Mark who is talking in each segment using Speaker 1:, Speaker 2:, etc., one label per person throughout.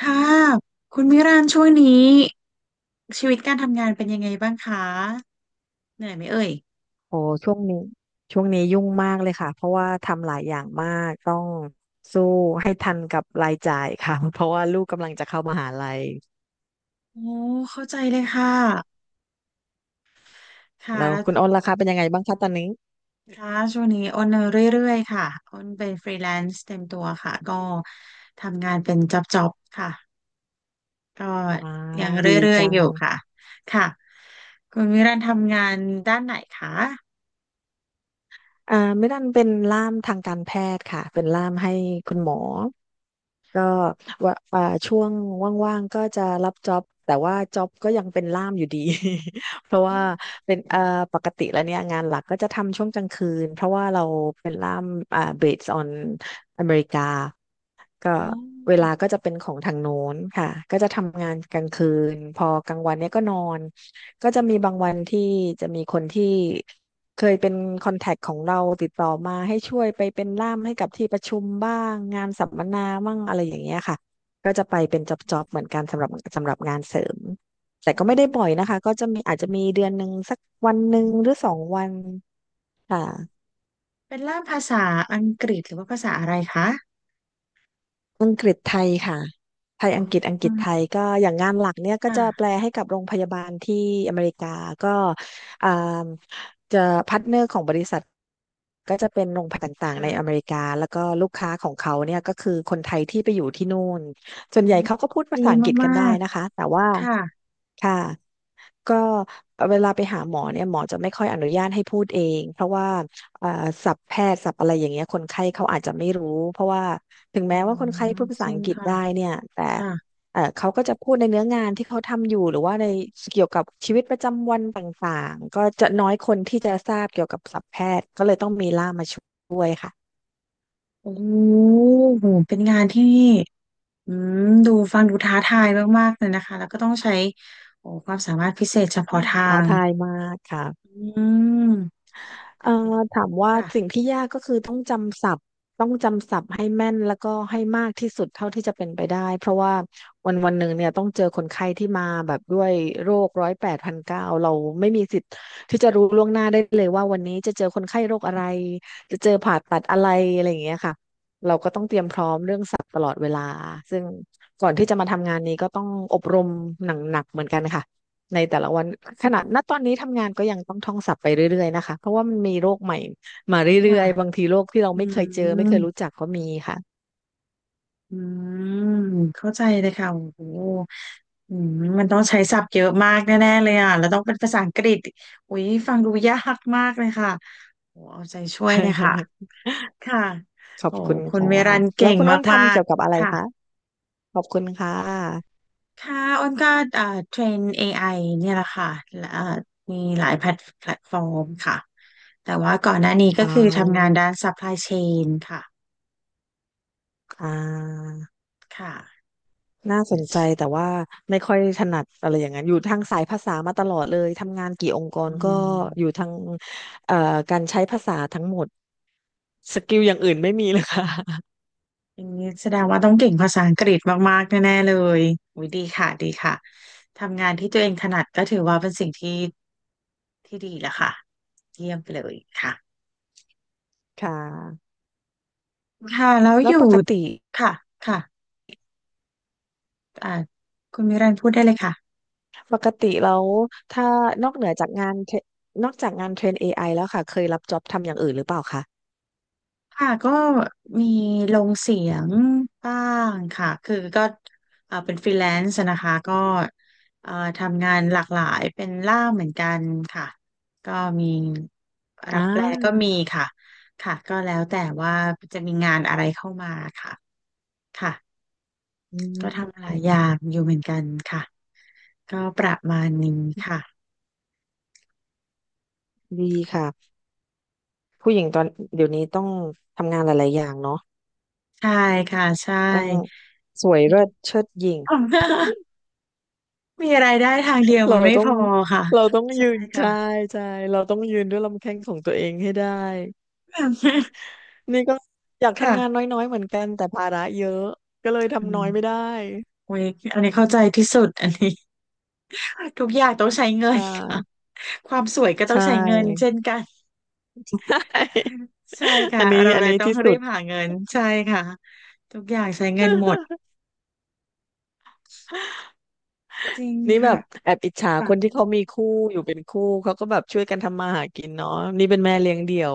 Speaker 1: ค่ะคุณมิรันช่วงนี้ชีวิตการทำงานเป็นยังไงบ้างคะเหนื่อยไหมเอ่ย
Speaker 2: โอ้ช่วงนี้ยุ่งมากเลยค่ะเพราะว่าทำหลายอย่างมากต้องสู้ให้ทันกับรายจ่ายค่ะ เพราะว่าลูกกำลังจะเข้ามหาลัย
Speaker 1: โอ้เข้าใจเลยค่ะค่ะ
Speaker 2: แล้ว
Speaker 1: แล้ว
Speaker 2: คุณอ้นราคาเป็นยังไงบ้างคะตอนนี้
Speaker 1: ค่ะช่วงนี้อ้นเรื่อยๆค่ะอ้นเป็นฟรีแลนซ์เต็มตัวค่ะก็ทำงานเป็นจ็อบๆค่ะก็
Speaker 2: อ่า
Speaker 1: ยังเร
Speaker 2: ดี
Speaker 1: ื่อย
Speaker 2: จั
Speaker 1: ๆอ
Speaker 2: ง
Speaker 1: ยู่ค่ะค่ะคุณมิรันทำงานด้านไหนคะ
Speaker 2: ไม่ดันเป็นล่ามทางการแพทย์ค่ะเป็นล่ามให้คุณหมอก็ว่าช่วงว่างๆก็จะรับจ็อบแต่ว่าจ็อบก็ยังเป็นล่ามอยู่ดี เพราะว่าเป็นปกติแล้วเนี่ยงานหลักก็จะทำช่วงกลางคืนเพราะว่าเราเป็นล่ามbased on อเมริกา ก็
Speaker 1: อ๋
Speaker 2: เว
Speaker 1: อ
Speaker 2: ลาก็จะเป็นของทางโน้นค่ะก็จะทำงานกลางคืนพอกลางวันเนี่ยก็นอนก็จะมีบางวันที่จะมีคนที่เคยเป็นคอนแทคของเราติดต่อมาให้ช่วยไปเป็นล่ามให้กับที่ประชุมบ้างงานสัมมนาบ้างอะไรอย่างเงี้ยค่ะก็จะไปเป็นจ็อบๆเหมือนกันสำหรับงานเสริมแต่
Speaker 1: อ๋
Speaker 2: ก็ไม่ได้บ่อย
Speaker 1: อ
Speaker 2: นะคะก็จะมีอาจจะมีเดือนหนึ่งสักวันหนึ่งหรือสองวันค่ะ
Speaker 1: เป็นล่ามภาษาอังกฤษหรือว่าภาษาอะไรคะ
Speaker 2: อังกฤษไทยค่ะไทย
Speaker 1: อ๋อ
Speaker 2: อังกฤษอังกฤษไทยก็อย่างงานหลักเนี่ยก็จะแป
Speaker 1: ค่ะ
Speaker 2: ลให้กับโรงพยาบาลที่อเมริกาก็อ่าจะพาร์ทเนอร์ของบริษัทก็จะเป็นโรงพยาบาลต่างๆในอเม
Speaker 1: ค่ะ
Speaker 2: ริกาแล้วก็ลูกค้าของเขาเนี่ยก็คือคนไทยที่ไปอยู่ที่นู่นส่วน
Speaker 1: อ๋อ
Speaker 2: ใหญ่เขาก็พูดภา
Speaker 1: ดี
Speaker 2: ษาอังกฤษกั
Speaker 1: มา
Speaker 2: นได้
Speaker 1: ก
Speaker 2: นะคะแต่ว่า
Speaker 1: ๆค่ะ
Speaker 2: ค่ะ ก็เวลาไปหาหมอเนี่ยหมอจะไม่ค่อยอนุญาตให้พูดเองเพราะว่าเอ่อศัพท์แพทย์ศัพท์อะไรอย่างเงี้ยคนไข้เขาอาจจะไม่รู้เพราะว่าถึง
Speaker 1: อ๋อ
Speaker 2: แม้ว่าคนไข้พูดภา
Speaker 1: จ
Speaker 2: ษา
Speaker 1: ริ
Speaker 2: อั
Speaker 1: ง
Speaker 2: งกฤษ
Speaker 1: ค่ะ
Speaker 2: ได้เนี่ยแต่
Speaker 1: ค่ะ
Speaker 2: เขาก็จะพูดในเนื้องานที่เขาทำอยู่หรือว่าในเกี่ยวกับชีวิตประจำวันต่างๆก็จะน้อยคนที่จะทราบเกี่ยวกับศัพท์แพทย์ก็เลยต้องมีล่ามมาช่วยค่ะ
Speaker 1: โอ้โหเป็นงานที่อืมดูฟังดูท้าทายมากๆเลยนะคะแล้วก็ต้องใช้โอ้ความสามารถพิเศษเฉพาะทา
Speaker 2: ท้า
Speaker 1: ง
Speaker 2: ทายมากค่ะ
Speaker 1: อืม
Speaker 2: เอ่อถามว่าสิ่ง
Speaker 1: ค่ะ
Speaker 2: ที่ยากก็คือต้องจำศัพท์ให้แม่นแล้วก็ให้มากที่สุดเท่าที่จะเป็นไปได้เพราะว่าวันหนึ่งเนี่ยต้องเจอคนไข้ที่มาแบบด้วยโรคร้อยแปดพันเก้าเราไม่มีสิทธิ์ที่จะรู้ล่วงหน้าได้เลยว่าวันนี้จะเจอคนไข้โรคอะไรจะเจอผ่าตัดอะไรอะไรอย่างเงี้ยค่ะ เตรียมพร้อมเรื่องศัพท์ตลอดเวลาซึ่งก่อนที่จะมาทำงานนี้ก็ต้องอบรมหนักๆเหมือนกันค่ะในแต่ละวันขนาดณตอนนี้ทำงานก็ยังต้องท่องศัพท์ไปเรื่อยๆนะคะเพราะว่ามันมีโรคใหม่มาเรื่
Speaker 1: ค่ะ
Speaker 2: อยๆบางทีโรคที่เรา
Speaker 1: อื
Speaker 2: ไม่เคยเจอไม่เคย
Speaker 1: ม
Speaker 2: รู้จักก็มีค่ะ
Speaker 1: อืมเข้าใจเลยค่ะโอ้โหอืมมันต้องใช้ศัพท์เยอะมากแน่ๆเลยอ่ะแล้วต้องเป็นภาษาอังกฤษอุ๊ยฟังดูยากมากเลยค่ะโอ้เอาใจช่วยเลยค่ะ ค่ะ
Speaker 2: ขอบ
Speaker 1: โอ้
Speaker 2: คุณ
Speaker 1: คุ
Speaker 2: คร
Speaker 1: ณเม
Speaker 2: ั
Speaker 1: รั
Speaker 2: บ
Speaker 1: น
Speaker 2: แล้
Speaker 1: เก่
Speaker 2: ว
Speaker 1: ง
Speaker 2: คุณอ้น
Speaker 1: มา
Speaker 2: ทำ
Speaker 1: ก
Speaker 2: เกี่ยวกับอะ
Speaker 1: ๆ
Speaker 2: ไร
Speaker 1: ค่ะ
Speaker 2: คะขอบคุณค่ะ
Speaker 1: ค่ะอ้นก็เทรน AI เนี่ยแหละค่ะ และมีหลายแพลตแพลตฟอร์มค่ะ แต่ว่าก่อนหน้านี้
Speaker 2: อ่
Speaker 1: งาน
Speaker 2: า
Speaker 1: ด้าน supply chain ค่ะ
Speaker 2: อ่า
Speaker 1: ค่ะ
Speaker 2: น่าสนใจแต่ว่าไม่ค่อยถนัดอะไรอย่างนั้นอยู่ทางสายภาษามาตลอดเลยทำงานกี่องค์กร
Speaker 1: อื
Speaker 2: ก็อยู่
Speaker 1: ม
Speaker 2: ทางเอ่อการหมดสกิลอย่างอื่นไม่มีเลยค่ะ
Speaker 1: อย่างนี้แสดงว่าต้องเก่งภาษาอังกฤษมากๆแน่ๆเลยอุ้ยดีค่ะ ดีค่ะ ทำงานที่ตัวเองถนัดก็ถือว่าเป็นสิ่งที่ที่ดีแล้วค่ะเยี่ยมไปเลยค่ะ
Speaker 2: ค่ะ
Speaker 1: ค่ะ แล้ว
Speaker 2: แล้
Speaker 1: อ
Speaker 2: ว
Speaker 1: ยู่
Speaker 2: ปกติ
Speaker 1: ค่ะ ค่ะอ่าคุณมิรันพูดได้เลยค่ะ
Speaker 2: แล้วถ้านอกเหนือจากงานเทรนอกจากงานเทรน AI แล้วค่ะเคยรับจ็อบทำอย่างอื่นหรือเปล่าคะ
Speaker 1: ค่ะก็มีลงเสียงบ้างค่ะคือก็เป็นฟรีแลนซ์นะคะก็เอ่อทำงานหลากหลายเป็นล่ามเหมือนกันค่ะก็มี
Speaker 2: อ่
Speaker 1: รับแปลก็
Speaker 2: า
Speaker 1: มีค่ะค่ะก็แล้วแต่ว่าจะมีงานอะไรเข้ามาค่ะค่ะ
Speaker 2: อื
Speaker 1: ก็ทำหลาย
Speaker 2: ม
Speaker 1: อย่างอยู่เหมือนกันค่ะก็ประมาณนี้ค่ะ
Speaker 2: ดีค่ะผู้หญิงตอนเดี๋ยวนี้ต้องทำงานหลายๆอย่างเนาะ
Speaker 1: ใช่ค่ะใช่
Speaker 2: ต้องสวย
Speaker 1: มี
Speaker 2: เลิศเชิดหยิ่ง
Speaker 1: มีรายได้ทางเดียว
Speaker 2: เรา
Speaker 1: มันไม่
Speaker 2: ต้อ
Speaker 1: พ
Speaker 2: ง
Speaker 1: อค่ะ
Speaker 2: เราต้องยื
Speaker 1: ใช่
Speaker 2: นใช่
Speaker 1: ค่ะ
Speaker 2: ใช่เราต้องยืนด้วยลำแข้งของตัวเองให้ได้นี่ก็อยากทำงาน
Speaker 1: ค่ะ
Speaker 2: น้อยๆเหมือนกันแต่ภาระเยอะก็เลย
Speaker 1: อื
Speaker 2: ทำน้อย
Speaker 1: ม
Speaker 2: ไม่ได้
Speaker 1: โอ้ยอันนี้เข้าใจที่สุดอันนี้ ทุกอย่างต้องใช้เงิ
Speaker 2: อ่
Speaker 1: นค่ะ
Speaker 2: า
Speaker 1: ความสวยก็
Speaker 2: ใช
Speaker 1: ต้องใช้เงิน
Speaker 2: ่
Speaker 1: เช่นกัน ใช่
Speaker 2: อั
Speaker 1: ค่ะ
Speaker 2: นนี้
Speaker 1: เราเลยต้อง
Speaker 2: ที่
Speaker 1: รี
Speaker 2: สุด
Speaker 1: บหาเงิน ใช่ค่ะ ทุกอย่างใช้เงินหมด จริง
Speaker 2: นี่แบ
Speaker 1: ค่ะ
Speaker 2: บแอบอิจฉาค
Speaker 1: ค่ะ
Speaker 2: นที่เขามีคู่อยู่เป็นคู่เขาก็แบบช่วยกันทำมาหากินเนาะนี่เป็นแม่เลี้ยงเดี่ยว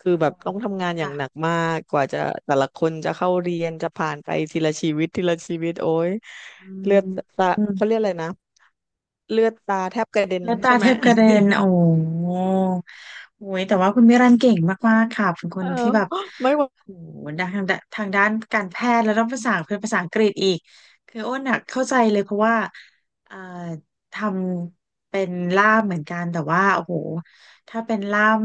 Speaker 2: คือแบบต้องทำงานอย่างหนัก
Speaker 1: ค่ะ
Speaker 2: มากกว่าจะแต่ละคนจะเข้าเรียนจะผ่านไปทีละชีวิตทีละชีวิตโอ้ย
Speaker 1: อื
Speaker 2: เลือดตา
Speaker 1: ม
Speaker 2: เขาเรียกอะไรนะเลือดตาแทบกระเด็น
Speaker 1: แล้วตา
Speaker 2: ใช่ไห
Speaker 1: เท
Speaker 2: ม
Speaker 1: พกระเด็นโอ้โห โอ้ยแต่ว่าคุณมิรันเก่งมากๆค่ะเป็นค
Speaker 2: เอ
Speaker 1: น
Speaker 2: อ
Speaker 1: ที่แบบ
Speaker 2: ไม่ไหว
Speaker 1: โอ้โหด้านทางด้านการแพทย์แล้วต้องภาษาเป็นภาษาอังกฤษอีกคืออ้นอะเข้าใจเลยเพราะว่าเอ่อทำเป็นล่ามเหมือนกันแต่ว่าโอ้โหถ้าเป็นล่าม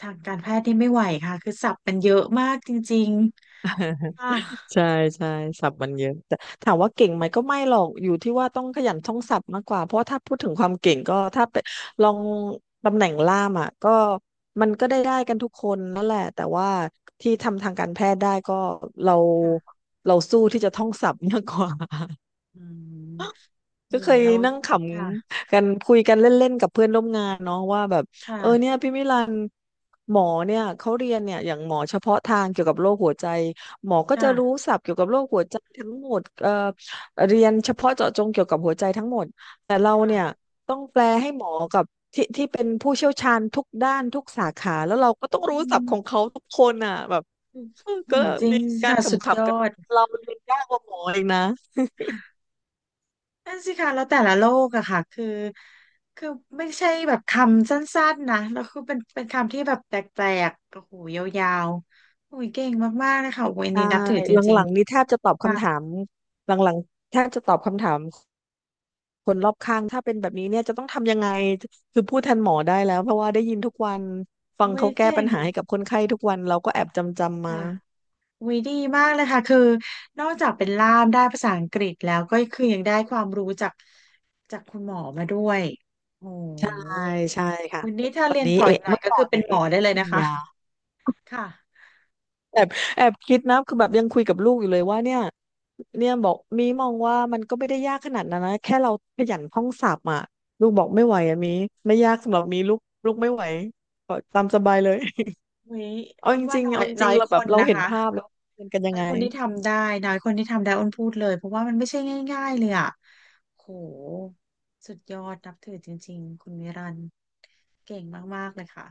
Speaker 1: ทางการแพทย์นี่ไม่ไหวค่ะ คือศัพท์มันเยอะมากจริงๆค่ะ
Speaker 2: ใช่ใช่ศัพท์มันเยอะแต่ถามว่าเก่งไหมก็ไม่หรอกอยู่ที่ว่าต้องขยันท่องศัพท์มากกว่าเพราะว่าถ้าพูดถึงความเก่งก็ถ้าไปลองตำแหน่งล่ามอ่ะก็มันก็ได้กันทุกคนนั่นแหละแต่ว่าที่ทำทางการแพทย์ได้ก็เรา
Speaker 1: ค่ะ
Speaker 2: เราสู้ที่จะท่องศัพท์มากกว่า
Speaker 1: อืม
Speaker 2: ก็
Speaker 1: โอ้
Speaker 2: เค
Speaker 1: ย
Speaker 2: ย
Speaker 1: แล้ว
Speaker 2: นั่งข
Speaker 1: ค่ะ
Speaker 2: ำกันคุยกันเล่นๆกับเพื่อนร่วมงานเนาะว่าแบบ
Speaker 1: ค่ะ
Speaker 2: เออเนี่ยพี่มิลันหมอเนี่ยเขาเรียนเนี่ยอย่างหมอเฉพาะทางเกี่ยวกับโรคหัวใจหมอก็จะรู้
Speaker 1: ค่ะ
Speaker 2: ศัพท์เกี่ยวกับโรคหัวใจทั้งหมดเรียนเฉพาะเจาะจงเกี่ยวกับหัวใจทั้งหมดแต่เรา
Speaker 1: ค่ะ
Speaker 2: เนี่ยต้องแปลให้หมอกับที่ที่เป็นผู้เชี่ยวชาญทุกด้านทุกสาขาแล้วเราก็ต้องรู้
Speaker 1: อื
Speaker 2: ศัพท์ของ
Speaker 1: ม
Speaker 2: เขาทุกคนอ่ะแบบ
Speaker 1: อืมอื
Speaker 2: ก็
Speaker 1: มจริง
Speaker 2: มี
Speaker 1: ส
Speaker 2: การ
Speaker 1: ค่ะ
Speaker 2: ข
Speaker 1: สุดย
Speaker 2: ำ
Speaker 1: อ
Speaker 2: ๆกันว่า
Speaker 1: ด
Speaker 2: เราเรียนยากกว่าหมอเองนะ
Speaker 1: นั่นสิค่ะแล้วแต่ละโลกอะค่ะคือคือไม่ใช่แบบคำสั้นๆนะแล้วคือเป็นคำที่แบบแปลกๆโอ้โหยาวๆโอ้ยเก่งมากๆเลยค่ะโอ้ย
Speaker 2: ใช่
Speaker 1: นี่นับถือจ
Speaker 2: ห
Speaker 1: ริง
Speaker 2: ลังๆนี้แทบจะตอบ
Speaker 1: ๆค่ะ
Speaker 2: คำถามหลังๆแทบจะตอบคำถามคนรอบข้างถ้าเป็นแบบนี้เนี่ยจะต้องทำยังไงคือพูดแทนหมอได้แล้วเพราะว่าได้ยินทุกวันฟัง
Speaker 1: โอ้ย
Speaker 2: เขาแก้
Speaker 1: เก่
Speaker 2: ปัญ
Speaker 1: ง
Speaker 2: หาให้กับคนไข้ทุกวันเราก็แอบจำจำมา
Speaker 1: ค่ะโอ้ยดีมากเลยค่ะคือนอกจากเป็นล่ามได้ภาษาอังกฤษแล้วก็คือยังได้ความรู้จากจากคุณหมอมาด้วยโอ้โ
Speaker 2: ใช่
Speaker 1: ห
Speaker 2: ใช่ค่ะ
Speaker 1: วันนี้ถ้า
Speaker 2: ตอน
Speaker 1: เรียน
Speaker 2: นี้
Speaker 1: ต่อ
Speaker 2: เอะ
Speaker 1: อีกหน่อ
Speaker 2: เมื่
Speaker 1: ย
Speaker 2: อ
Speaker 1: ก็
Speaker 2: ก่อ
Speaker 1: คื
Speaker 2: น
Speaker 1: อเป็
Speaker 2: เนี่
Speaker 1: น
Speaker 2: ย
Speaker 1: หม
Speaker 2: เอะ
Speaker 1: อ
Speaker 2: อะ
Speaker 1: ได้
Speaker 2: ก็
Speaker 1: เลย
Speaker 2: กิน
Speaker 1: นะคะ
Speaker 2: ยา
Speaker 1: ค่ะ
Speaker 2: แอบแอบคิดนะคือแบบยังคุยกับลูกอยู่เลยว่าเนี่ยบอกมีมองว่ามันก็ไม่ได้ยากขนาดนั้นนะแค่เราขยันท่องศัพท์อ่ะลูกบอกไม่ไหวอ่ะมีไม่ยากสำหรับมีลูกลูกไม่ไหวก็ตามสบายเลย
Speaker 1: อุ๊ย
Speaker 2: เอา
Speaker 1: อ้
Speaker 2: จ
Speaker 1: นว่า
Speaker 2: ริง
Speaker 1: น้
Speaker 2: ๆ
Speaker 1: อ
Speaker 2: เอา
Speaker 1: ย
Speaker 2: จริ
Speaker 1: น้
Speaker 2: ง
Speaker 1: อย
Speaker 2: ๆเรา
Speaker 1: ค
Speaker 2: แบบ
Speaker 1: น
Speaker 2: เรา
Speaker 1: นะ
Speaker 2: เห็น
Speaker 1: คะ
Speaker 2: ภาพแล้วมันกันยัง
Speaker 1: น้อ
Speaker 2: ไง
Speaker 1: ยคนที่ทำได้น้อยคนที่ทำได้อ้นพูดเลยเพราะว่ามันไม่ใช่ง่ายๆเลยอ่ะโหสุดยอดนับถือจริงๆคุณวิรันเก่งมากๆเลยค่ะ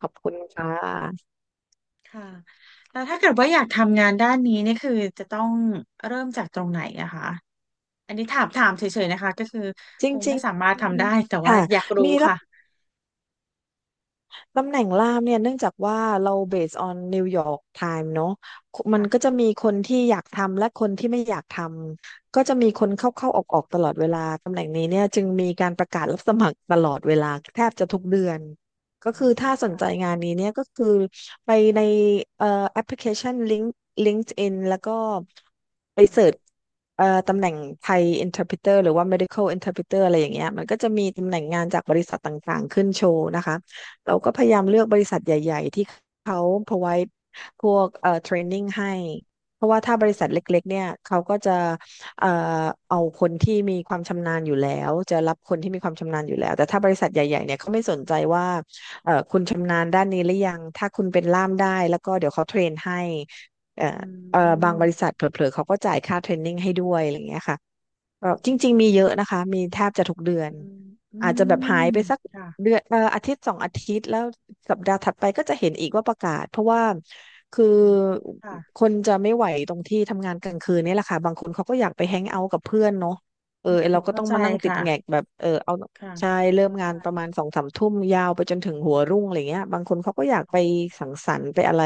Speaker 2: ขอบคุณค่ะ
Speaker 1: ค่ะแล้วถ้าเกิดว่าอยากทำงานด้านนี้เนี่ยคือจะต้องเริ่มจากตรงไหนอะคะอันนี้ถามถามเฉยๆนะคะก็คือ
Speaker 2: จร
Speaker 1: คง
Speaker 2: ิง
Speaker 1: ไม่สามารถทำได้แต่
Speaker 2: ๆ
Speaker 1: ว่า
Speaker 2: ค่ะ
Speaker 1: อยากรู้
Speaker 2: มีรับ
Speaker 1: ค่ะ
Speaker 2: ตำแหน่งล่ามเนี่ยเนื่องจากว่าเรา based on New York Time เนอะมัน
Speaker 1: ค่ะ
Speaker 2: ก็จะมีคนที่อยากทำและคนที่ไม่อยากทำก็จะมีคนเข้าเข้าออกออกๆตลอดเวลาตำแหน่งนี้เนี่ยจึงมีการประกาศรับสมัครตลอดเวลาแทบจะทุกเดือนก็
Speaker 1: อ๋อ
Speaker 2: คือถ้าสนใจ
Speaker 1: ค่ะ
Speaker 2: งานนี้เนี่ยก็คือไปในเอ่อแอปพลิเคชัน LinkedIn แล้วก็ไป
Speaker 1: ค่ะ
Speaker 2: เสิร์ชตำแหน่งไทย Interpreter หรือว่า Medical Interpreter อะไรอย่างเงี้ยมันก็จะมีตำแหน่งงานจากบริษัทต่างๆขึ้นโชว์นะคะ เราก็พยายามเลือกบริษัทใหญ่ๆที่เขา provide พวกtraining ให้เพราะว่าถ้า
Speaker 1: ค่ะ
Speaker 2: บริษัทเล็กๆเนี่ยเขาก็จะเอ่อเอาคนที่มีความชำนาญอยู่แล้วจะรับคนที่มีความชำนาญอยู่แล้วแต่ถ้าบริษัทใหญ่ๆเนี่ยเขาไม่สนใจว่าคุณชำนาญด้านนี้หรือยังถ้าคุณเป็นล่ามได้แล้วก็เดี๋ยวเขาเทรนให้เอ่อ
Speaker 1: อื
Speaker 2: บางบริษั
Speaker 1: ม
Speaker 2: ทเผลอๆเขาก็จ่ายค่าเทรนนิ่งให้ด้วยอะไรอย่างเงี้ยค่ะก็จ
Speaker 1: โอ้
Speaker 2: ริงๆ
Speaker 1: โห
Speaker 2: มีเยอะนะคะมีแทบจะทุกเดือน
Speaker 1: อืมอื
Speaker 2: อาจจะแบบหาย
Speaker 1: ม
Speaker 2: ไปสัก
Speaker 1: ค่ะ
Speaker 2: เดือนอาทิตย์สองอาทิตย์แล้วสัปดาห์ถัดไปก็จะเห็นอีกว่าประกาศเพราะว่าคือ
Speaker 1: อืม
Speaker 2: ค
Speaker 1: ค่ะ
Speaker 2: นจะไม่ไหวตรงที่ทำงานกลางคืนนี่แหละค่ะบางคนเขาก็อยากไป
Speaker 1: อื
Speaker 2: แฮงเอาท์
Speaker 1: ม
Speaker 2: กับเพื่อนเนาะเออ
Speaker 1: อืม
Speaker 2: ไอ้เราก็
Speaker 1: เข้า
Speaker 2: ต้อง
Speaker 1: ใจ
Speaker 2: มานั่งติด
Speaker 1: ค่ะ
Speaker 2: แงกแบบเออเอา
Speaker 1: ค่ะ
Speaker 2: ใช่เริ่ม
Speaker 1: เข้า
Speaker 2: งา
Speaker 1: ใจ
Speaker 2: นประมาณสองสามทุ่มยาวไปจนถึงหัวรุ่งอะไรเงี้ยบางคนเขาก็อยาก
Speaker 1: อ๋
Speaker 2: ไป
Speaker 1: อ
Speaker 2: สังสรรค์ไปอะไร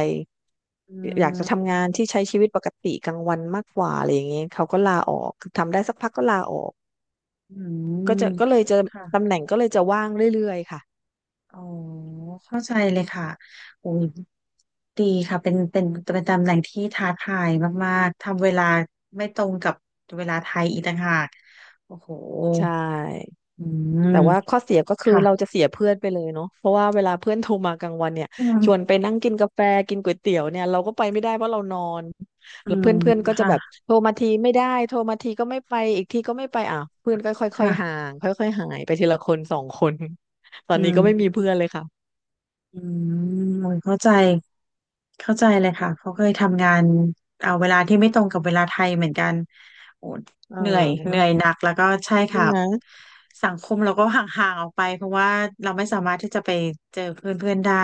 Speaker 1: อื
Speaker 2: อยากจะทำงาน
Speaker 1: ม
Speaker 2: ที่ใช้ชีวิตปกติกลางวันมากกว่าอะไรอย่างเงี้ยเขาก็ลาออกคือทำได้สักพักก็ลาออก
Speaker 1: อืม
Speaker 2: ก็เลยจะ
Speaker 1: ค่ะ
Speaker 2: ตำแหน่งก็เลยจะว่างเรื่อยๆค่ะ
Speaker 1: อ๋อเข้าใจเลยค่ะโอ้ยดีค่ะ เป็นเป็นตำแหน่งที่ท้าทายมาก ๆ ทำเวลาไม่ตรงกับเวลาไทยอีกต่างหากโอ้โห
Speaker 2: ใช่
Speaker 1: อื
Speaker 2: แต่ว่า
Speaker 1: ม
Speaker 2: ข้อเสียก็คือเรา
Speaker 1: ค่ะ
Speaker 2: จะเสียเพื่อนไปเลยเนาะเพราะว่าเวลาเพื่อนโทรมากลางวันเนี่ย
Speaker 1: อื
Speaker 2: ชวน
Speaker 1: ม
Speaker 2: ไปนั่งกินกาแฟกินก๋วยเตี๋ยวเนี่ยเราก็ไปไม่ได้เพราะเรานอน
Speaker 1: อื
Speaker 2: แล้วเพื่อ
Speaker 1: ม
Speaker 2: นเพื่อนก็จะ
Speaker 1: ค่ะ
Speaker 2: แบบโทรมาทีไม่ได้โทรมาทีก็ไม่ไปอีกทีก็ไม่ไปอ่ะเพื่อนก็ค่อย
Speaker 1: ค่ะ
Speaker 2: ๆห่างค่อยๆหายไปทีละคนสองคน ตอ
Speaker 1: อื
Speaker 2: นนี้
Speaker 1: ม
Speaker 2: ก็ไม่มีเพื่อนเลยค่ะ
Speaker 1: อืมโอ้ยเข้าใจเข้าใจเลยค่ะเขาเคยทำงานเอาเวลาที่ไม่ตรงกับเวลาไทยเหมือนกันโอ้
Speaker 2: เอ
Speaker 1: เหนื่อยเหนื่
Speaker 2: อ
Speaker 1: อยหนักแล้วก็ใช่
Speaker 2: ใช่
Speaker 1: ค่ะ
Speaker 2: ไหม
Speaker 1: สังคมเราก็ห่างๆออกไปเพราะว่าเราไม่สามารถที่จะไปเจอเพื่อนๆได้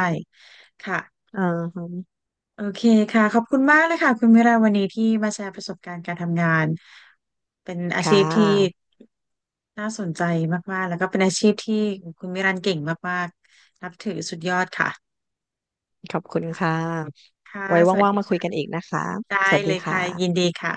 Speaker 1: ค่ะ
Speaker 2: อ่าฮะ
Speaker 1: โอเคค่ะขอบคุณมากเลยค่ะคุณมิราวันนี้ที่มาแชร์ประสบการณ์การทำงานเป็นอา
Speaker 2: ค่
Speaker 1: ชีพที่
Speaker 2: ะ
Speaker 1: น่าสนใจมากๆแล้วก็เป็นอาชีพที่คุณมิรันเก่งมากๆนับถือสุดยอดค่ะ
Speaker 2: ขอบคุณค่ะ
Speaker 1: ค่ะ
Speaker 2: ไว้
Speaker 1: สวัส
Speaker 2: ว่าง
Speaker 1: ดี
Speaker 2: ๆมาคุย
Speaker 1: ค่ะ
Speaker 2: กันอีกนะคะ
Speaker 1: ได้
Speaker 2: สวัสดี
Speaker 1: เลย
Speaker 2: ค
Speaker 1: ค่ะ ยิน
Speaker 2: ่ะ
Speaker 1: ดีค่ะ